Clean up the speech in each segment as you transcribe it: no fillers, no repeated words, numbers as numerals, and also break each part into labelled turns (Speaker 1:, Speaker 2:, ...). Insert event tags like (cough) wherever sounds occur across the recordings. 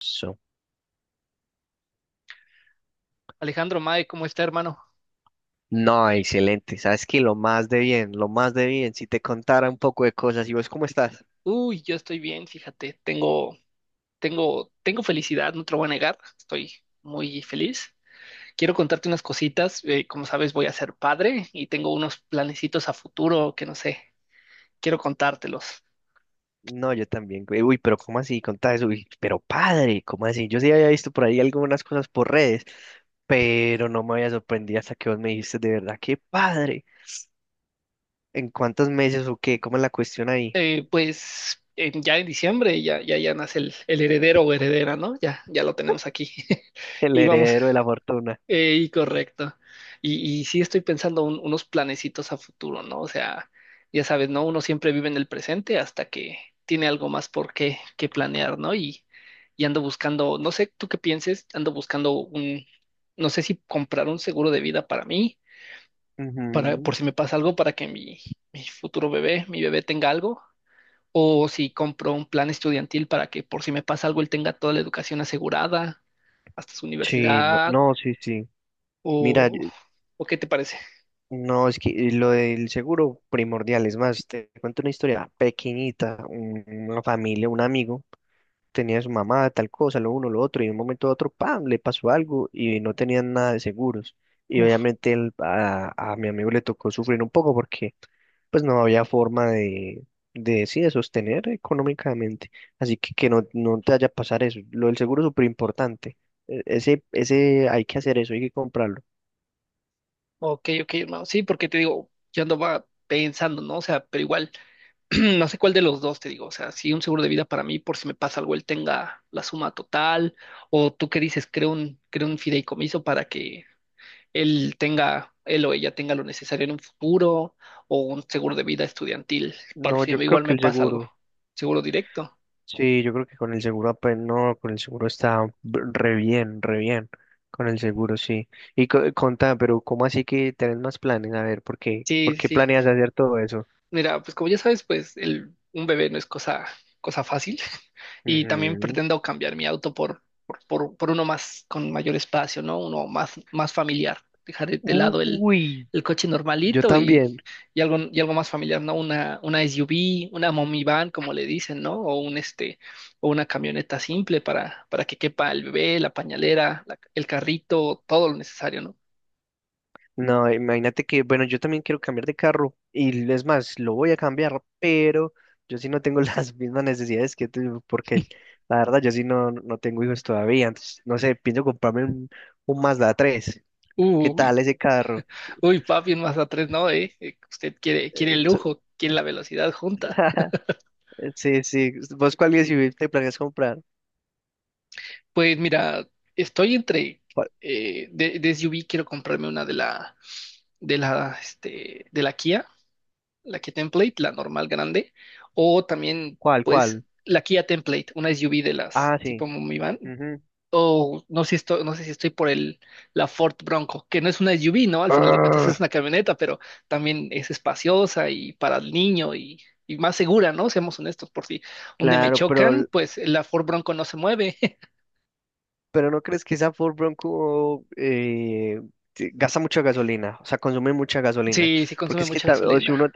Speaker 1: So.
Speaker 2: Alejandro Mae, ¿cómo está, hermano?
Speaker 1: No, excelente. Sabes que lo más de bien, lo más de bien. Si te contara un poco de cosas, ¿y vos cómo estás?
Speaker 2: Uy, yo estoy bien, fíjate, tengo, tengo felicidad, no te lo voy a negar, estoy muy feliz. Quiero contarte unas cositas, como sabes, voy a ser padre y tengo unos planecitos a futuro que no sé, quiero contártelos.
Speaker 1: No, yo también, güey. Uy, pero ¿cómo así? Contá eso. Uy, pero padre, ¿cómo así? Yo sí había visto por ahí algunas cosas por redes, pero no me había sorprendido hasta que vos me dijiste, de verdad, qué padre. ¿En cuántos meses o qué? ¿Cómo es la cuestión ahí?
Speaker 2: Pues en- ya en diciembre ya, ya, ya nace el heredero o heredera, ¿no? Ya, ya lo tenemos aquí. (laughs)
Speaker 1: El
Speaker 2: Y vamos,
Speaker 1: heredero de la fortuna.
Speaker 2: ey, correcto. Y sí estoy pensando un- unos planecitos a futuro, ¿no? O sea, ya sabes, ¿no? Uno siempre vive en el presente hasta que tiene algo más por qué, que planear, ¿no? Y ando buscando, no sé tú qué pienses, ando buscando un, no sé si comprar un seguro de vida para mí, para, por
Speaker 1: Ujú.
Speaker 2: si me pasa algo, para que mi futuro bebé, mi bebé tenga algo, o si compro un plan estudiantil para que por si me pasa algo, él tenga toda la educación asegurada, hasta su
Speaker 1: Sí, no,
Speaker 2: universidad,
Speaker 1: no, sí, sí. Mira,
Speaker 2: o, ¿o qué te parece?
Speaker 1: no, es que lo del seguro primordial, es más, te cuento una historia pequeñita, una familia, un amigo, tenía su mamá, tal cosa, lo uno, lo otro, y de un momento a otro, ¡pam!, le pasó algo y no tenían nada de seguros. Y
Speaker 2: Uf,
Speaker 1: obviamente a mi amigo le tocó sufrir un poco porque pues no había forma de, sí, de sostener económicamente. Así que no, no te vaya a pasar eso. Lo del seguro es súper importante. Ese, ese, hay que hacer eso, hay que comprarlo.
Speaker 2: ok, ok, hermano. Sí, porque te digo, yo andaba pensando, ¿no? O sea, pero igual, (clears throat) no sé cuál de los dos te digo. O sea, sí un seguro de vida para mí, por si me pasa algo, él tenga la suma total, o tú qué dices, creo un fideicomiso para que él tenga, él o ella tenga lo necesario en un futuro, o un seguro de vida estudiantil, por
Speaker 1: No,
Speaker 2: si
Speaker 1: yo creo
Speaker 2: igual
Speaker 1: que
Speaker 2: me
Speaker 1: el
Speaker 2: pasa algo.
Speaker 1: seguro.
Speaker 2: Seguro directo.
Speaker 1: Sí, yo creo que con el seguro apenas, no, con el seguro está re bien, re bien. Con el seguro, sí. Y contá, pero ¿cómo así que tenés más planes? A ver, ¿por qué?
Speaker 2: Sí,
Speaker 1: ¿Por qué
Speaker 2: sí,
Speaker 1: planeas
Speaker 2: sí.
Speaker 1: hacer todo eso?
Speaker 2: Mira, pues como ya sabes, pues el, un bebé no es cosa, cosa fácil. (laughs) Y también
Speaker 1: Ujú.
Speaker 2: pretendo cambiar mi auto por uno más con mayor espacio, ¿no? Uno más, más familiar, dejar de lado
Speaker 1: Uy,
Speaker 2: el coche
Speaker 1: yo
Speaker 2: normalito
Speaker 1: también.
Speaker 2: y algo más familiar, ¿no? Una SUV, una mommy van, como le dicen, ¿no? O un este, o una camioneta simple para que quepa el bebé, la pañalera, la- el carrito, todo lo necesario, ¿no?
Speaker 1: No, imagínate que, bueno, yo también quiero cambiar de carro y es más, lo voy a cambiar, pero yo sí no tengo (laughs) las mismas necesidades que tú, porque la verdad yo sí no, no tengo hijos todavía, entonces, no sé, pienso comprarme un Mazda 3. ¿Qué
Speaker 2: Uy.
Speaker 1: tal ese carro?
Speaker 2: Uy, papi, en Mazda 3 no, ¿eh? Usted quiere, quiere el
Speaker 1: Eh, su-
Speaker 2: lujo, quiere la velocidad junta. (laughs)
Speaker 1: (laughs) Sí, sí. ¿Vos cuál USUV te planeas comprar?
Speaker 2: Pues mira, estoy entre,
Speaker 1: ¿Cuál,
Speaker 2: de SUV quiero comprarme una de la, este, de la Kia Template, la normal grande, o también,
Speaker 1: cuál?
Speaker 2: pues,
Speaker 1: Cuál?
Speaker 2: la Kia Template, una SUV de las
Speaker 1: Ah, sí.
Speaker 2: tipo minivan,
Speaker 1: Ujú.
Speaker 2: o no sé si estoy, no sé si estoy por el, la Ford Bronco, que no es una SUV, ¿no? Al final de cuentas es
Speaker 1: Ah,
Speaker 2: una camioneta, pero también es espaciosa y para el niño y más segura, ¿no? Seamos honestos, por si un día me
Speaker 1: claro, pero,
Speaker 2: chocan, pues la Ford Bronco no se mueve. (laughs)
Speaker 1: pero ¿no crees que esa Ford Bronco gasta mucha gasolina? O sea, consume mucha gasolina.
Speaker 2: Sí, sí consume
Speaker 1: Porque es que
Speaker 2: mucha
Speaker 1: o si
Speaker 2: gasolina.
Speaker 1: uno,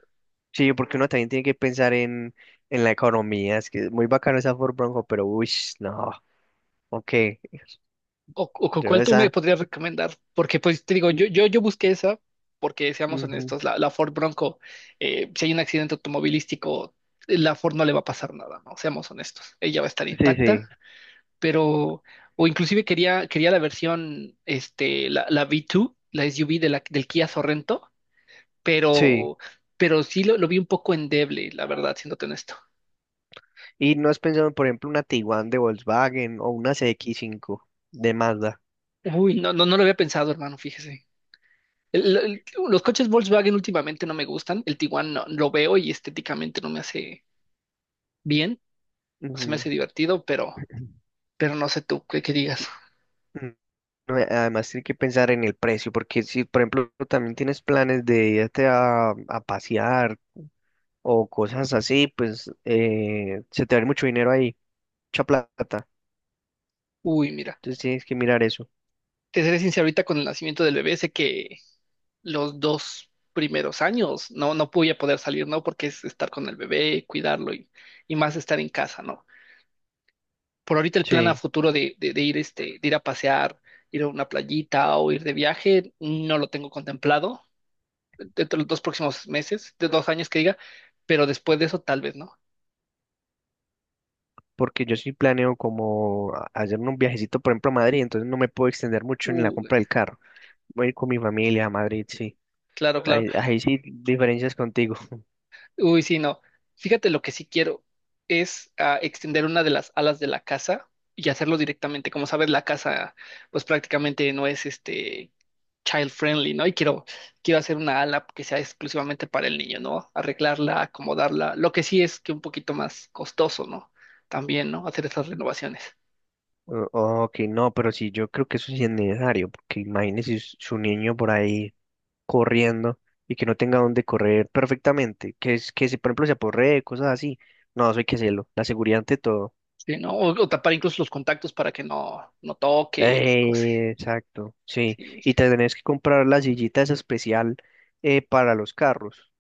Speaker 1: sí, porque uno también tiene que pensar en la economía. Es que es muy bacano esa Ford Bronco, pero uy, no. Ok.
Speaker 2: O cu-
Speaker 1: Yo
Speaker 2: cuál tú me
Speaker 1: esa.
Speaker 2: podrías recomendar, porque pues te digo,
Speaker 1: Mm,
Speaker 2: yo busqué esa, porque seamos
Speaker 1: ujú.
Speaker 2: honestos, la, la Ford Bronco, si hay un accidente automovilístico, la Ford no le va a pasar nada, ¿no? Seamos honestos, ella va a estar
Speaker 1: Sí,
Speaker 2: intacta
Speaker 1: sí.
Speaker 2: pero, o inclusive quería, quería la versión, este, la, la V2, la SUV de la, del Kia Sorrento,
Speaker 1: Sí.
Speaker 2: pero, pero sí lo vi un poco endeble, la verdad, siéndote honesto.
Speaker 1: ¿Y no has pensado, por ejemplo, una Tiguan de Volkswagen o una cx cinco de Mazda?
Speaker 2: Uy, no, no, no lo había pensado, hermano, fíjese. El- los coches Volkswagen últimamente no me gustan, el Tiguan no, lo veo y estéticamente no me hace bien, no se me
Speaker 1: Ujú.
Speaker 2: hace divertido, pero no sé tú, ¿qué, qué digas?
Speaker 1: Mm, no, además, tienes que pensar en el precio, porque si, por ejemplo, también tienes planes de irte a pasear o cosas así, pues se te va a ir mucho dinero ahí, mucha plata.
Speaker 2: Uy, mira,
Speaker 1: Entonces tienes que mirar eso.
Speaker 2: te seré sincero, ahorita con el nacimiento del bebé, sé que los 2 primeros años no, no voy a poder salir, ¿no? Porque es estar con el bebé, cuidarlo y más estar en casa, ¿no? Por ahorita el plan a
Speaker 1: Sí,
Speaker 2: futuro de ir, este, de ir a pasear, ir a una playita o ir de viaje, no lo tengo contemplado dentro de los dos próximos meses, de 2 años que diga, pero después de eso tal vez, ¿no?
Speaker 1: porque yo sí planeo como hacer un viajecito, por ejemplo, a Madrid, entonces no me puedo extender mucho en la
Speaker 2: Uh,
Speaker 1: compra del carro. Voy a ir con mi familia a Madrid, sí.
Speaker 2: claro, claro.
Speaker 1: Ahí, ahí sí, diferencias contigo.
Speaker 2: Uy, sí, no. Fíjate lo que sí quiero es extender una de las alas de la casa y hacerlo directamente. Como sabes, la casa pues prácticamente no es este child friendly, ¿no? Y quiero, quiero hacer una ala que sea exclusivamente para el niño, ¿no? Arreglarla, acomodarla. Lo que sí es que un poquito más costoso, ¿no? También, ¿no? Hacer esas renovaciones.
Speaker 1: Ok, no, pero sí, yo creo que eso sí es necesario, porque imagínese su niño por ahí corriendo y que no tenga dónde correr perfectamente, que es que si por ejemplo se aporree, cosas así. No, eso hay que hacerlo, la seguridad ante todo.
Speaker 2: Sí, ¿no? O tapar incluso los contactos para que no, no toque, cosas.
Speaker 1: Exacto, sí. Y te tenés que comprar la sillita esa especial para los carros,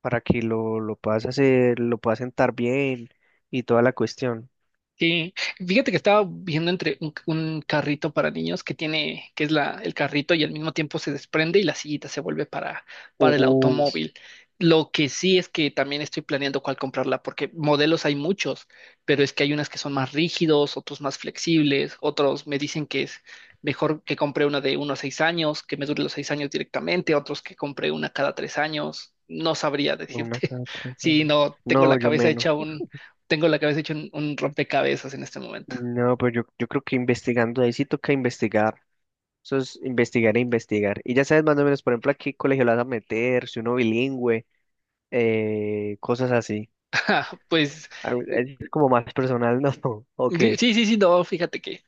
Speaker 1: para que lo puedas hacer, lo puedas sentar bien y toda la cuestión.
Speaker 2: Sí, fíjate que estaba viendo entre un carrito para niños que tiene, que es la, el carrito y al mismo tiempo se desprende y la sillita se vuelve para el
Speaker 1: Uf,
Speaker 2: automóvil. Lo que sí es que también estoy planeando cuál comprarla, porque modelos hay muchos, pero es que hay unas que son más rígidos, otros más flexibles, otros me dicen que es mejor que compre una de uno a 6 años, que me dure los 6 años directamente, otros que compre una cada 3 años. No sabría
Speaker 1: una
Speaker 2: decirte
Speaker 1: cada
Speaker 2: (laughs)
Speaker 1: tres
Speaker 2: si
Speaker 1: años.
Speaker 2: no tengo la
Speaker 1: No, yo
Speaker 2: cabeza hecha,
Speaker 1: menos.
Speaker 2: tengo la cabeza hecha un rompecabezas en este momento.
Speaker 1: No, pero yo creo que investigando ahí sí toca investigar. Eso es investigar e investigar. Y ya sabes más o menos, por ejemplo, a qué colegio lo vas a meter, si uno bilingüe, cosas así.
Speaker 2: (laughs) Pues
Speaker 1: Al- Es como más personal, ¿no? (laughs) Ok.
Speaker 2: sí, sí, sí, no, fíjate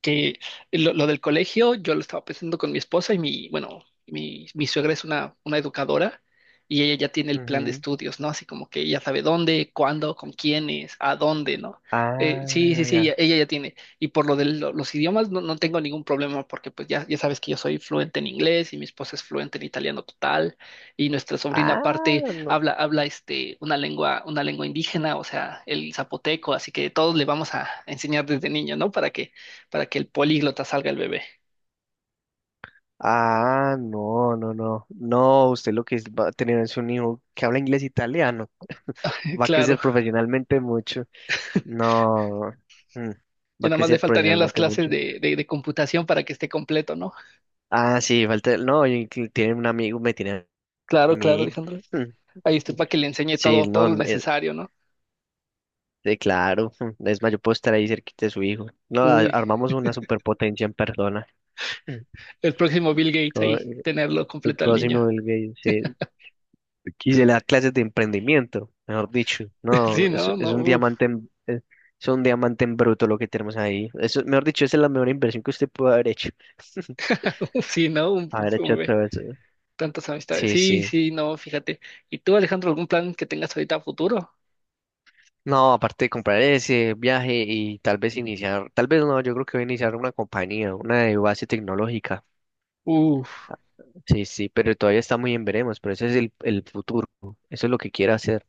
Speaker 2: que lo del colegio, yo lo estaba pensando con mi esposa y mi, bueno, mi suegra es una educadora y ella ya tiene el plan de
Speaker 1: Ujú.
Speaker 2: estudios, ¿no? Así como que ella sabe dónde, cuándo, con quiénes, a dónde, ¿no? Sí, sí,
Speaker 1: Ah,
Speaker 2: sí, ella,
Speaker 1: ya.
Speaker 2: ella ya tiene. Y por lo de lo- los idiomas no, no tengo ningún problema porque pues ya, ya sabes que yo soy fluente en inglés y mi esposa es fluente en italiano total y nuestra sobrina
Speaker 1: Ah,
Speaker 2: aparte
Speaker 1: no.
Speaker 2: habla, habla este, una lengua indígena, o sea, el zapoteco, así que todos le vamos a enseñar desde niño, ¿no? Para que el políglota salga el bebé.
Speaker 1: Ah, no, no, no. No, usted lo que va a tener es un hijo que habla inglés e italiano.
Speaker 2: (laughs)
Speaker 1: Va a
Speaker 2: Claro,
Speaker 1: crecer profesionalmente mucho. No. Mm. Va
Speaker 2: ya
Speaker 1: a
Speaker 2: nada más le
Speaker 1: crecer
Speaker 2: faltarían las
Speaker 1: profesionalmente
Speaker 2: clases
Speaker 1: mucho.
Speaker 2: de computación para que esté completo, ¿no?
Speaker 1: Ah, sí, falta, no, y que tiene un amigo, me tiene a
Speaker 2: Claro, claro,
Speaker 1: mí.
Speaker 2: Alejandro.
Speaker 1: Mm.
Speaker 2: Ahí estoy para que le enseñe
Speaker 1: Sí,
Speaker 2: todo, todo
Speaker 1: no,
Speaker 2: lo necesario, ¿no?
Speaker 1: claro, (laughs) mm, es más, yo puedo estar ahí cerquita de su hijo. No,
Speaker 2: Uy,
Speaker 1: armamos una superpotencia en persona. Mm,
Speaker 2: el próximo Bill Gates
Speaker 1: como,
Speaker 2: ahí,
Speaker 1: eh,
Speaker 2: tenerlo
Speaker 1: el
Speaker 2: completo al niño.
Speaker 1: próximo Bill Gates, sí. Y se le da clases de emprendimiento, mejor dicho.
Speaker 2: (laughs)
Speaker 1: No,
Speaker 2: Sí, no,
Speaker 1: es
Speaker 2: no,
Speaker 1: un
Speaker 2: uf.
Speaker 1: diamante en, es un diamante en bruto lo que tenemos ahí. Eso, mejor dicho, esa es la mejor inversión que usted pudo haber hecho. (laughs)
Speaker 2: (laughs) Sí, no,
Speaker 1: Haber
Speaker 2: un
Speaker 1: hecho
Speaker 2: bebé.
Speaker 1: todo eso.
Speaker 2: Tantas amistades.
Speaker 1: Sí,
Speaker 2: Sí,
Speaker 1: sí.
Speaker 2: sí, no, fíjate. ¿Y tú, Alejandro, algún plan que tengas ahorita a futuro?
Speaker 1: No, aparte de comprar ese viaje y tal vez iniciar, tal vez no, yo creo que voy a iniciar una compañía, una de base tecnológica.
Speaker 2: Uf,
Speaker 1: Sí, sí, pero todavía está muy en veremos, pero ese es el futuro, eso es lo que quiero hacer.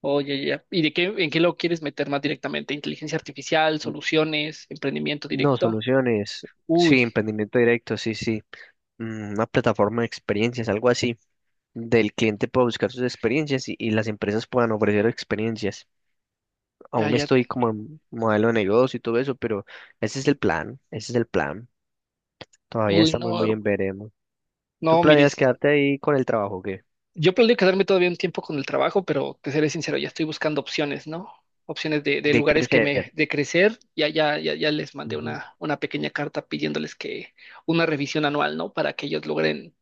Speaker 2: oye, ya. ¿Y de qué, en qué lo quieres meter más directamente? ¿Inteligencia artificial, soluciones, emprendimiento
Speaker 1: No,
Speaker 2: directo?
Speaker 1: soluciones,
Speaker 2: Uy,
Speaker 1: sí, emprendimiento directo, sí, sí, mm, una plataforma de experiencias, algo así, del cliente pueda buscar sus experiencias y las empresas puedan ofrecer experiencias.
Speaker 2: ya,
Speaker 1: Aún
Speaker 2: ya.
Speaker 1: estoy como en modelo de negocio y todo eso, pero ese es el plan, ese es el plan. Todavía
Speaker 2: Uy, no,
Speaker 1: estamos muy
Speaker 2: hermano.
Speaker 1: en veremos. ¿Tú
Speaker 2: No,
Speaker 1: planeas
Speaker 2: mires,
Speaker 1: quedarte ahí con el trabajo, o qué?
Speaker 2: yo planeo quedarme todavía un tiempo con el trabajo, pero te seré sincero, ya estoy buscando opciones, ¿no? Opciones de
Speaker 1: De
Speaker 2: lugares que me,
Speaker 1: crecer.
Speaker 2: de crecer. Ya, ya, ya, ya les mandé
Speaker 1: Ujú.
Speaker 2: una pequeña carta pidiéndoles que una revisión anual, ¿no? Para que ellos logren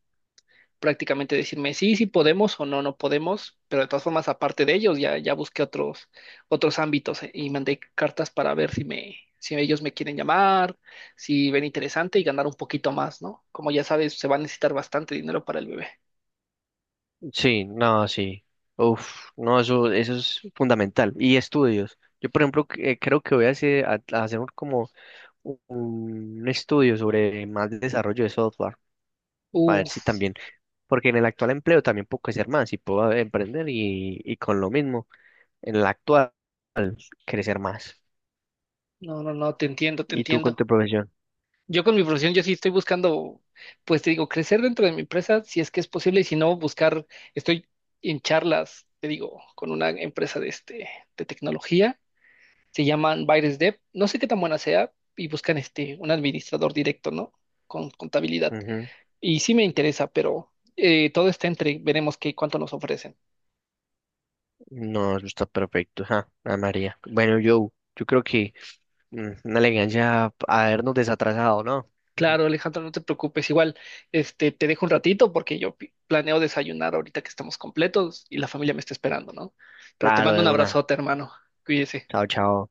Speaker 2: prácticamente decirme sí, sí podemos o no, no podemos, pero de todas formas, aparte de ellos, ya, ya busqué otros, otros ámbitos, y mandé cartas para ver si me, si ellos me quieren llamar, si ven interesante y ganar un poquito más, ¿no? Como ya sabes, se va a necesitar bastante dinero para el bebé.
Speaker 1: Sí, no, sí. Uf, no, eso es fundamental. Y estudios. Yo, por ejemplo, creo que voy a hacer, a hacer como un estudio sobre más desarrollo de software, para ver si
Speaker 2: Uf,
Speaker 1: también, porque en el actual empleo también puedo crecer más y puedo emprender y con lo mismo, en el actual, crecer más.
Speaker 2: no, no, no, te entiendo, te
Speaker 1: ¿Y tú con
Speaker 2: entiendo.
Speaker 1: tu profesión?
Speaker 2: Yo con mi profesión, yo sí estoy buscando, pues te digo, crecer dentro de mi empresa, si es que es posible, y si no, buscar, estoy en charlas, te digo, con una empresa de este, de tecnología. Se llaman Buyer's Dev. No sé qué tan buena sea y buscan este, un administrador directo, ¿no? Con contabilidad.
Speaker 1: Ujú.
Speaker 2: Y sí me interesa, pero todo está entre, veremos qué, cuánto nos ofrecen.
Speaker 1: No, eso está perfecto. Ja, Ana María. Bueno, yo creo que... Mm, una elegancia habernos desatrasado, ¿no? (laughs)
Speaker 2: Claro, Alejandro, no te preocupes. Igual, este, te dejo un ratito porque yo pi- planeo desayunar ahorita que estamos completos y la familia me está esperando, ¿no? Pero te
Speaker 1: Claro,
Speaker 2: mando
Speaker 1: de
Speaker 2: un
Speaker 1: una.
Speaker 2: abrazote, hermano. Cuídese.
Speaker 1: Chao, chao.